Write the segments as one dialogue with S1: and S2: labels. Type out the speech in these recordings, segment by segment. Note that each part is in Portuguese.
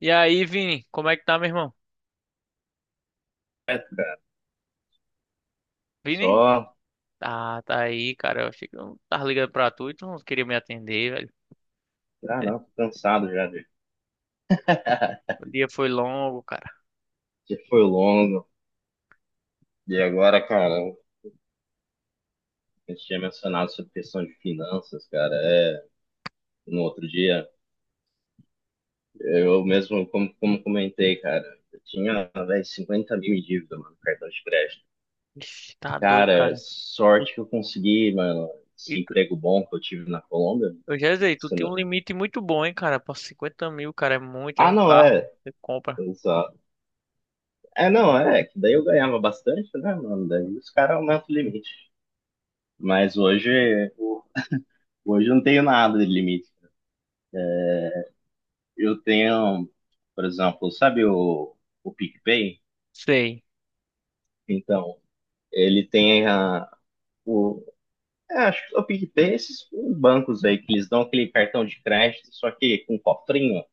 S1: E aí, Vini, como é que tá, meu irmão?
S2: Certo, cara.
S1: Vini?
S2: Só.
S1: Tá, tá aí, cara. Eu achei que eu tava ligando pra tu e tu não queria me atender, velho.
S2: Ah, não, tô cansado já de.
S1: O dia foi longo, cara.
S2: Que foi longo. E agora, cara, a gente tinha mencionado sobre questão de finanças, cara. É, no outro dia, eu mesmo, como comentei, cara, eu tinha, velho, 50 mil em dívida, mano, no cartão de crédito.
S1: Ixi, tá doido,
S2: Cara,
S1: cara. Tu-
S2: sorte que eu consegui, mano,
S1: E
S2: esse
S1: tu,
S2: emprego bom que eu tive na Colômbia.
S1: eu já sei, tu
S2: Se
S1: tem
S2: não-
S1: um limite muito bom, hein, cara. Pra 50 mil, cara, é muito, é
S2: Ah,
S1: um
S2: não,
S1: carro.
S2: é.
S1: Você compra.
S2: Só. É, não, é, que daí eu ganhava bastante, né, mano? Daí os caras aumentam o limite. Mas hoje. Hoje eu não tenho nada de limite. Eu tenho, por exemplo, sabe o PicPay?
S1: Sei.
S2: Então, ele tem a, o. É, acho que o PicPay, esses bancos aí que eles dão aquele cartão de crédito, só que com um cofrinho,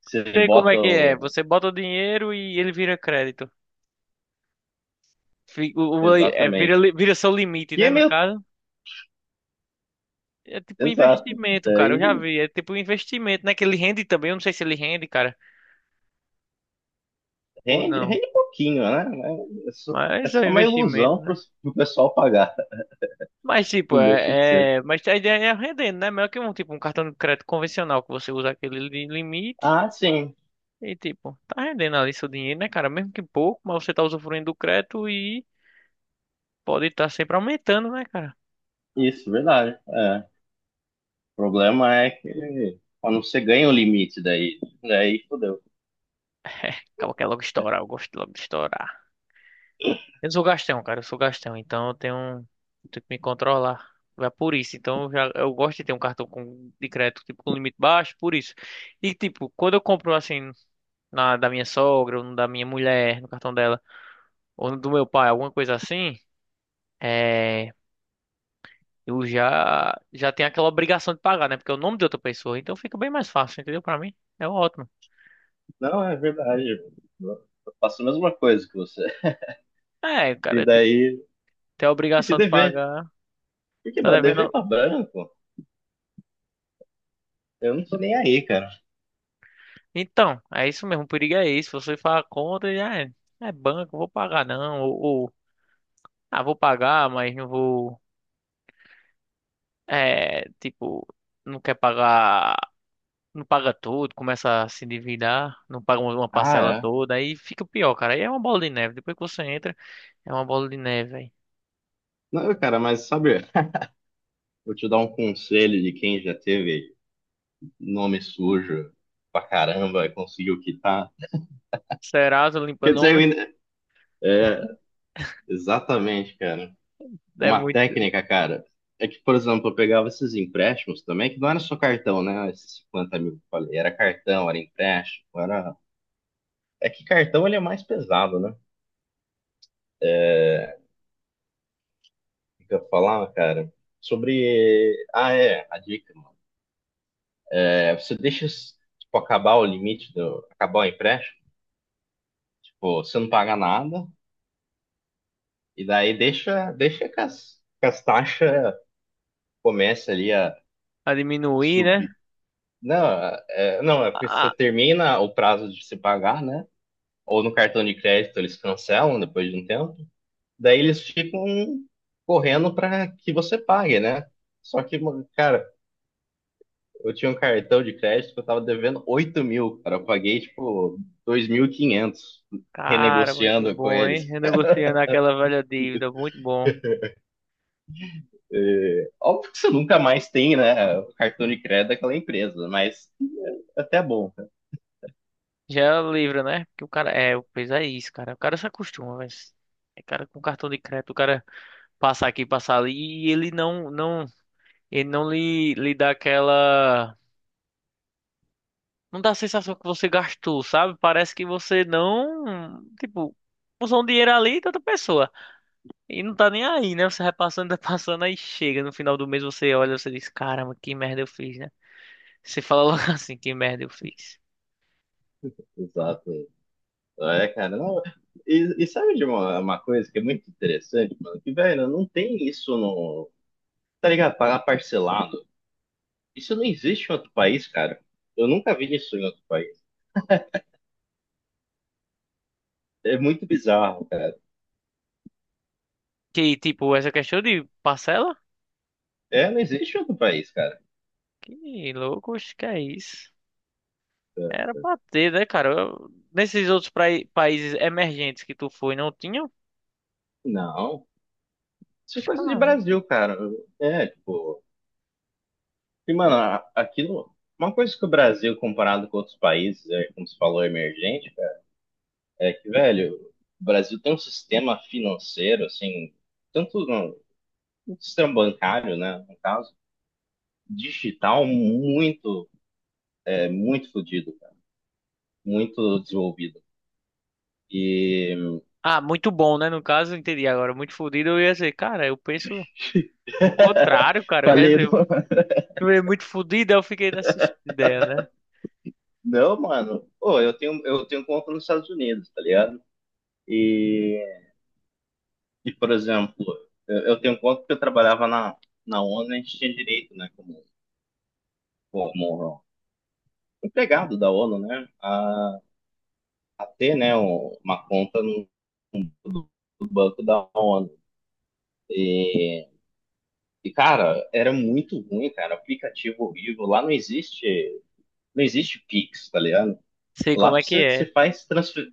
S2: você
S1: Sei como
S2: bota
S1: é que é.
S2: o.
S1: Você bota o dinheiro e ele vira crédito. Vira,
S2: Exatamente.
S1: vira seu limite,
S2: Que
S1: né,
S2: é
S1: no
S2: meio.
S1: caso. É tipo um
S2: Exato.
S1: investimento, cara. Eu já
S2: Daí
S1: vi. É tipo um investimento, né? Que ele rende também. Eu não sei se ele rende, cara, ou
S2: rende,
S1: não.
S2: rende pouquinho, né? Mas É só, é
S1: Mas é um
S2: só uma
S1: investimento,
S2: ilusão para
S1: né?
S2: o pessoal pagar.
S1: Mas tipo,
S2: Não deixa de ser.
S1: mas a ideia é rendendo, né? Melhor que um tipo um cartão de crédito convencional que você usa aquele limite
S2: Ah, sim.
S1: e tipo, tá rendendo ali seu dinheiro, né, cara? Mesmo que pouco, mas você tá usufruindo do crédito e pode estar sempre aumentando, né, cara?
S2: Isso, verdade. É. O problema é que quando você ganha o limite daí fodeu.
S1: Acaba que é logo estourar, eu gosto logo de estourar. Eu sou gastão, cara, eu sou gastão, então eu tenho que me controlar. É por isso, então eu gosto de ter um cartão com, de crédito tipo com limite baixo, por isso. E tipo, quando eu compro assim na, da minha sogra, ou no da minha mulher, no cartão dela, ou no do meu pai, alguma coisa assim, é, já tenho aquela obrigação de pagar, né? Porque é o nome de outra pessoa, então fica bem mais fácil, entendeu? Pra mim, é ótimo.
S2: Não, é verdade. Eu faço a mesma coisa que você.
S1: É,
S2: E
S1: cara, tem
S2: daí,
S1: tem a
S2: tem que
S1: obrigação de
S2: dever.
S1: pagar,
S2: Porque,
S1: tá
S2: mano, dever
S1: devendo.
S2: pra branco, eu não tô nem aí, cara.
S1: Então, é isso mesmo, o perigo é isso. Você faz a conta e já é, é banco, vou pagar não, ah, vou pagar, mas não vou, é, tipo, não quer pagar. Não paga tudo, começa a se endividar, não paga uma
S2: Ah,
S1: parcela
S2: é.
S1: toda, aí fica pior, cara. Aí é uma bola de neve. Depois que você entra, é uma bola de neve, velho.
S2: Não, cara, mas sabe, vou te dar um conselho de quem já teve nome sujo pra caramba e conseguiu quitar.
S1: Serasa
S2: Quer
S1: limpando
S2: dizer,
S1: homem,
S2: é, exatamente, cara.
S1: deve
S2: Uma
S1: muito
S2: técnica, cara, é que, por exemplo, eu pegava esses empréstimos também, que não era só cartão, né? Esses 50 mil que eu falei, era cartão, era empréstimo, era. É que cartão ele é mais pesado, né? É. O que que eu ia, cara? Sobre. Ah, é, a dica, mano. É, você deixa tipo, acabar o limite do, acabar o empréstimo, tipo, você não paga nada, e daí deixa, deixa que as taxas comecem ali a,
S1: a
S2: a
S1: diminuir, né?
S2: subir. Não, é, não, é porque você
S1: Ah,
S2: termina o prazo de se pagar, né? Ou no cartão de crédito eles cancelam depois de um tempo, daí eles ficam correndo para que você pague, né? Só que, mano, cara, eu tinha um cartão de crédito que eu tava devendo 8 mil, cara, eu paguei tipo 2.500
S1: cara, muito
S2: renegociando com
S1: bom, hein?
S2: eles.
S1: Renegociando aquela velha dívida, muito bom.
S2: É, óbvio que você nunca mais tem, né, o cartão de crédito daquela empresa, mas é até bom, cara.
S1: Já livra, né? Porque o cara, é, o pois é isso, cara. O cara se acostuma, velho. É cara com cartão de crédito, o cara passa aqui, passa ali e ele ele não lhe dá aquela... Não dá a sensação que você gastou, sabe? Parece que você não. Tipo, usou um dinheiro ali de outra pessoa. E não tá nem aí, né? Você vai passando, tá passando, aí chega. No final do mês você olha, você diz: "Caramba, que merda eu fiz", né? Você fala logo assim: "Que merda eu fiz."
S2: Exato. É, cara, não, e sabe de uma coisa que é muito interessante, mano? Que, velho, não tem isso no, tá ligado? Pagar parcelado. Isso não existe em outro país, cara. Eu nunca vi isso em outro país. É muito bizarro, cara.
S1: Que, tipo, essa questão de parcela?
S2: É, não existe em outro país, cara.
S1: Que louco, acho que é isso. Era pra ter, né, cara? Nesses outros países emergentes que tu foi, não tinha?
S2: Não. Isso é coisa de
S1: Caramba.
S2: Brasil, cara. É, tipo. E, mano, aquilo. Uma coisa que o Brasil, comparado com outros países, é, como você falou, emergente, cara, é que, velho, o Brasil tem um sistema financeiro, assim, tanto no, sistema bancário, né, no caso, digital, muito, é, muito fodido, cara, muito desenvolvido. E
S1: Ah, muito bom, né? No caso, entendi agora. Muito fodido, eu ia dizer, cara, eu penso. O contrário, cara, eu
S2: falei, do-
S1: reservo. Eu é muito fodido, eu fiquei nessa ideia, né?
S2: não, mano, pô, eu tenho, conta nos Estados Unidos, tá ligado? E, e por exemplo, eu tenho conta que eu trabalhava na, ONU, a gente tinha direito, né, como, empregado da ONU, né, a ter, né, uma conta no, do do banco da ONU. E, e, cara, era muito ruim, cara, aplicativo horrível, lá não existe Pix, tá ligado?
S1: Sei
S2: Lá
S1: como é que
S2: você, você
S1: é.
S2: faz transfer,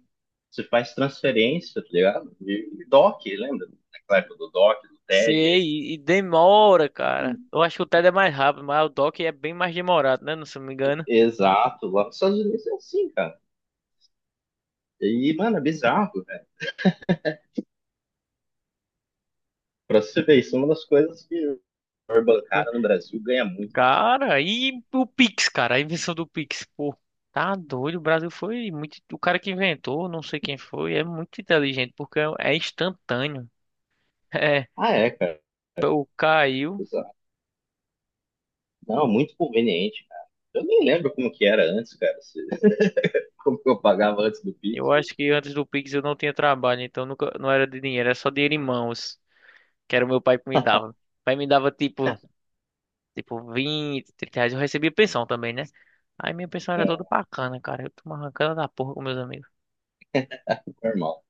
S2: Você faz transferência, tá ligado? De DOC, lembra? Na época do DOC, do TED.
S1: Sei, demora, cara. Eu acho que o TED é mais rápido, mas o DOC é bem mais demorado, né? Não se eu me engano.
S2: Exato, lá nos Estados Unidos é assim, cara. E, mano, é bizarro, velho. Pra você ver, isso é uma das coisas que o setor bancário no Brasil ganha muito.
S1: Cara, e o Pix, cara, a invenção do Pix, pô. Tá doido, o Brasil foi muito. O cara que inventou, não sei quem foi, é muito inteligente, porque é instantâneo.
S2: Ah, é, cara.
S1: É, o caiu.
S2: Exato. Não, muito conveniente, cara. Eu nem lembro como que era antes, cara. Como que eu pagava antes do Pix.
S1: Eu acho que antes do Pix eu não tinha trabalho, então nunca, não era de dinheiro, era só dinheiro em mãos. Que era o meu pai que me dava. O pai me dava tipo, tipo 20, 30 reais. Eu recebia pensão também, né? Aí minha pensão era
S2: É,
S1: toda bacana, cara. Eu tomava cana da porra com meus amigos.
S2: normal,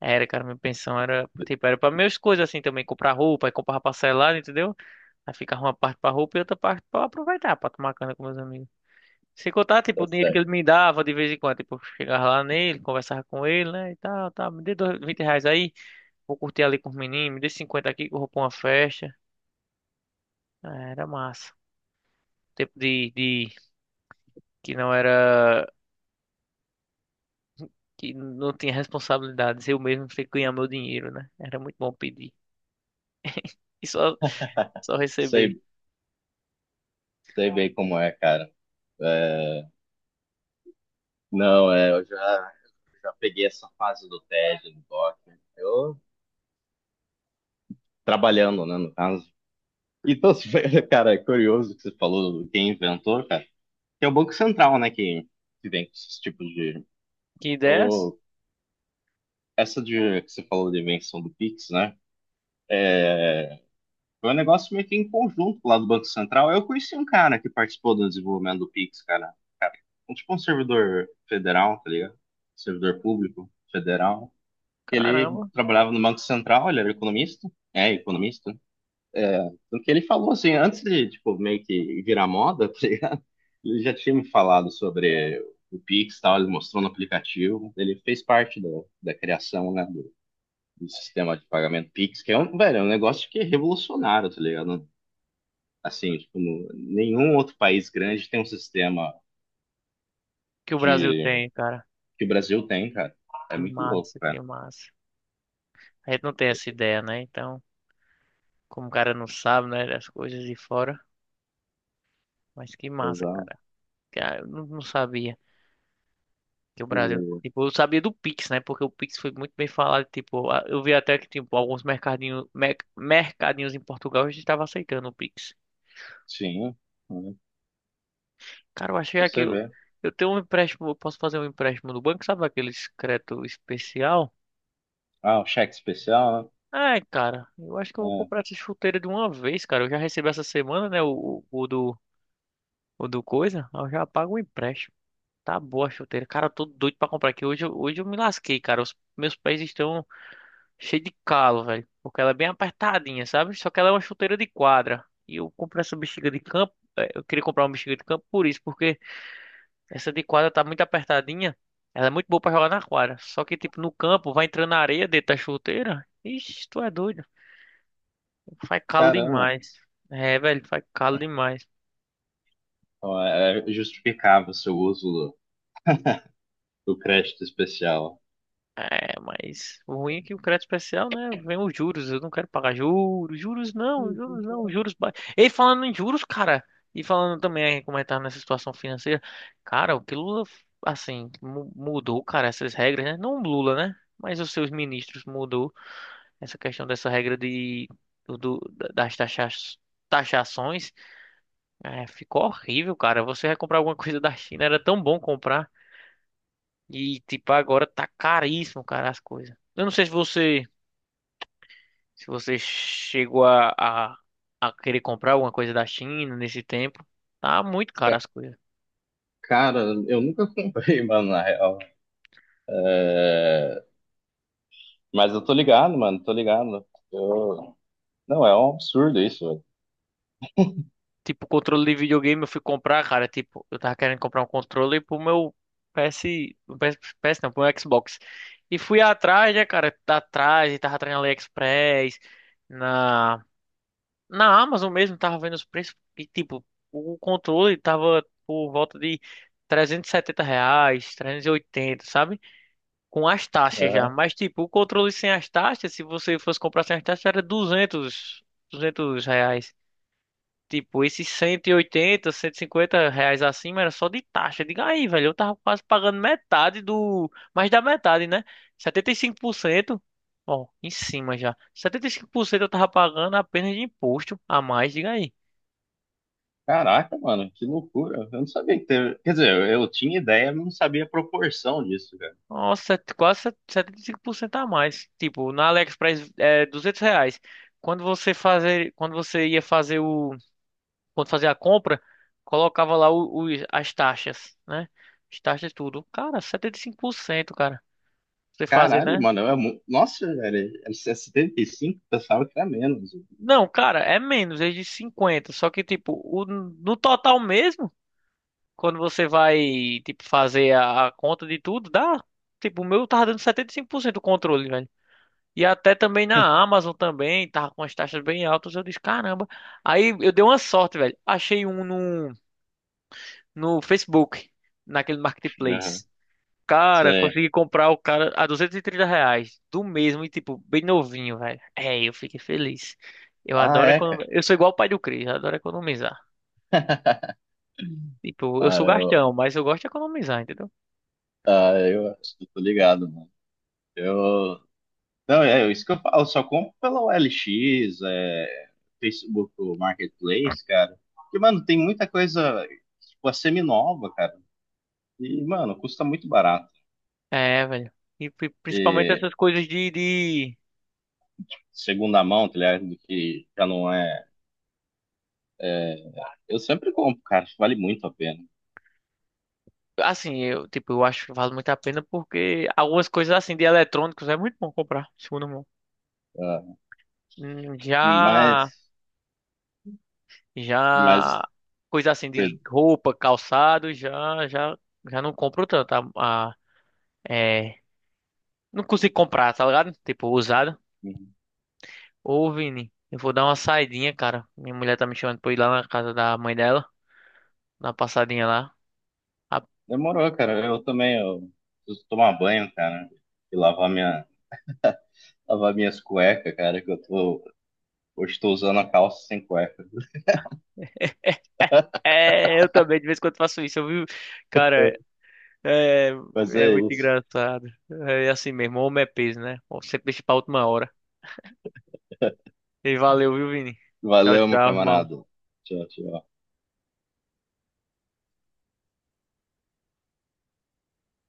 S1: Era, cara, minha pensão era, tipo, era pra minhas coisas assim também, comprar roupa, aí comprava parcelado, entendeu? Aí ficava uma parte pra roupa e outra parte pra aproveitar, pra tomar cana com meus amigos. Sem contar, tipo,
S2: tá
S1: o dinheiro que
S2: certo.
S1: ele me dava de vez em quando, tipo, eu chegava lá nele, conversava com ele, né, e tal, tal, 20 reais aí, vou curtir ali com os meninos, me dê 50 aqui que eu vou pra uma festa. Ah, era massa tempo de que não era, que não tinha responsabilidades. Eu mesmo tinha que ganhar meu dinheiro, né? Era muito bom pedir e só, só receber.
S2: Sei, sei bem como é, cara. É, não, é, eu já peguei essa fase do TED, do DOC. Eu trabalhando, né, no caso. Então, se foi- cara, é curioso que você falou do quem inventou, cara. Que é o Banco Central, né, que vem com esses tipos de.
S1: Que ideias?
S2: o- Essa de, que você falou de invenção do Pix, né? Foi um negócio meio que em conjunto lá do Banco Central. Eu conheci um cara que participou do desenvolvimento do Pix, cara. Um, tipo um servidor federal, tá ligado? Servidor público federal. Ele
S1: Caramba,
S2: trabalhava no Banco Central, ele era economista. É, economista. É, do que ele falou, assim, antes de, tipo, meio que virar moda, tá ligado? Ele já tinha me falado sobre o Pix, e tal, ele mostrou no aplicativo, ele fez parte da criação, né, do sistema de pagamento Pix, que é um, velho, é um negócio que é revolucionário, tá ligado? Assim, tipo, nenhum outro país grande tem um sistema
S1: que o Brasil
S2: de,
S1: tem, cara.
S2: que o Brasil tem, cara. É
S1: Que
S2: muito louco,
S1: massa,
S2: cara.
S1: que massa. A gente não tem essa ideia, né? Então, como o cara não sabe, né, das coisas de fora, mas que massa,
S2: Exato.
S1: cara. Cara, eu não, não sabia que o Brasil,
S2: E-
S1: tipo, eu sabia do Pix, né? Porque o Pix foi muito bem falado, tipo, eu vi até que tipo alguns mercadinhos, mercadinhos em Portugal já estavam aceitando o Pix.
S2: Sim, né?
S1: Cara, eu achei aqui.
S2: Você vê.
S1: Eu tenho um empréstimo. Eu posso fazer um empréstimo no banco, sabe? Aquele crédito especial.
S2: Ah, o cheque especial,
S1: Ai, cara, eu acho que eu vou
S2: né? É,
S1: comprar essa chuteira de uma vez, cara. Eu já recebi essa semana, né? O do coisa. Aí eu já pago o empréstimo. Tá boa a chuteira. Cara, eu tô doido pra comprar aqui. Hoje, hoje eu me lasquei, cara. Os meus pés estão cheios de calo, velho. Porque ela é bem apertadinha, sabe? Só que ela é uma chuteira de quadra. E eu comprei essa bexiga de campo. Eu queria comprar uma bexiga de campo por isso, porque essa de quadra tá muito apertadinha. Ela é muito boa pra jogar na quadra. Só que, tipo, no campo, vai entrando na areia dentro da chuteira. Ixi, tu é doido. Faz calo
S2: caramba.
S1: demais. É, velho, faz calo demais.
S2: Ó, é justificava o seu uso do crédito especial.
S1: É, mas o ruim é que o crédito especial, né? Vem os juros. Eu não quero pagar juros. Juros não, juros não, juros ba... Ei, falando em juros, cara. E falando também, aí, como é que tá nessa situação financeira. Cara, o que Lula, assim, mudou, cara, essas regras, né? Não o Lula, né? Mas os seus ministros mudou. Essa questão dessa regra de das taxa, taxações é, ficou horrível, cara. Você vai comprar alguma coisa da China, era tão bom comprar. E, tipo, agora tá caríssimo, cara, as coisas. Eu não sei se você, se você chegou a querer comprar alguma coisa da China nesse tempo. Tá muito caro
S2: Ca-
S1: as coisas.
S2: Cara, eu nunca comprei, mano, na real. É, mas eu tô ligado, mano, tô ligado. Eu. Não, é um absurdo isso,
S1: Tipo, controle de videogame eu fui comprar, cara. Tipo, eu tava querendo comprar um controle pro meu PS. o PS, PS não, Pro meu Xbox. E fui atrás, né, cara? Tá atrás, e tava atrás na AliExpress, na, na Amazon mesmo, tava vendo os preços. E, tipo, o controle tava por volta de 370 reais, 380, sabe? Com as
S2: velho.
S1: taxas já.
S2: Aham.
S1: Mas, tipo, o controle sem as taxas, se você fosse comprar sem as taxas, era 200 reais. Tipo, esses cento 180, 150 reais acima era só de taxa. Diga aí, velho, eu tava quase pagando metade do. Mais da metade, né? 75%, ó, em cima já. 75% eu tava pagando apenas de imposto a mais, diga aí.
S2: Caraca, mano, que loucura. Eu não sabia que teve. Quer dizer, eu tinha ideia, mas não sabia a proporção disso, cara.
S1: Nossa, quase 75% a mais. Tipo, na AliExpress é 200 reais. Quando você fazer, quando você ia fazer o, quando fazia a compra, colocava lá as taxas, né? As taxas tudo. Cara, 75%, cara. Você fazer,
S2: Caralho,
S1: né?
S2: mano, é muito. Nossa, velho, é 75, pensava que era menos.
S1: Não, cara, é menos, é de 50. Só que, tipo, o, no total mesmo, quando você vai, tipo, fazer a conta de tudo, dá. Tipo, o meu tava dando 75% do controle, velho. E até também na Amazon também, tava com as taxas bem altas. Eu disse, caramba. Aí eu dei uma sorte, velho. Achei um no, no Facebook, naquele
S2: Aham,
S1: marketplace. Cara,
S2: sei.
S1: consegui comprar o cara a 230 reais do mesmo e, tipo, bem novinho, velho. É, eu fiquei feliz. Eu
S2: Ah,
S1: adoro
S2: é, cara.
S1: economizar. Eu sou igual o pai do Cris, eu adoro economizar. Tipo, eu
S2: Ah,
S1: sou gastão, mas eu gosto de economizar, entendeu?
S2: ah, eu, eu tô ligado, mano. Eu, não, é isso que eu falo, só compro pela OLX Facebook Marketplace, cara. Porque, mano, tem muita coisa, tipo, a semi-nova, cara. E, mano, custa muito barato.
S1: É, velho. E principalmente
S2: E,
S1: essas coisas de...
S2: segunda mão, tá ligado? Que já não é. é, Eu sempre compro, cara, acho que vale muito a pena.
S1: Assim, eu, tipo, eu acho que vale muito a pena porque algumas coisas assim de eletrônicos é muito bom comprar, segundo mão.
S2: Ah,
S1: Hum,
S2: Mas,
S1: Já,
S2: mas,
S1: já, coisa assim de
S2: per-
S1: roupa, calçado, já não compro tanto. A, é, não consigo comprar, tá ligado? Tipo, usado. Ô, Vini, eu vou dar uma saidinha, cara. Minha mulher tá me chamando pra ir lá na casa da mãe dela. Dar uma passadinha lá. Ah,
S2: demorou, cara. Eu também, eu preciso tomar banho, cara, e lavar minhas cuecas, cara, hoje tô usando a calça sem cueca.
S1: é, é, eu também de vez em quando faço isso, eu vi... Cara, é,
S2: Mas
S1: é
S2: é
S1: muito
S2: isso.
S1: engraçado. É assim mesmo, homem é peso, né? Sempre deixa pra última hora. E valeu, viu, Vini? Tchau,
S2: Valeu, meu
S1: tchau, irmão.
S2: camarada. Tchau, tchau.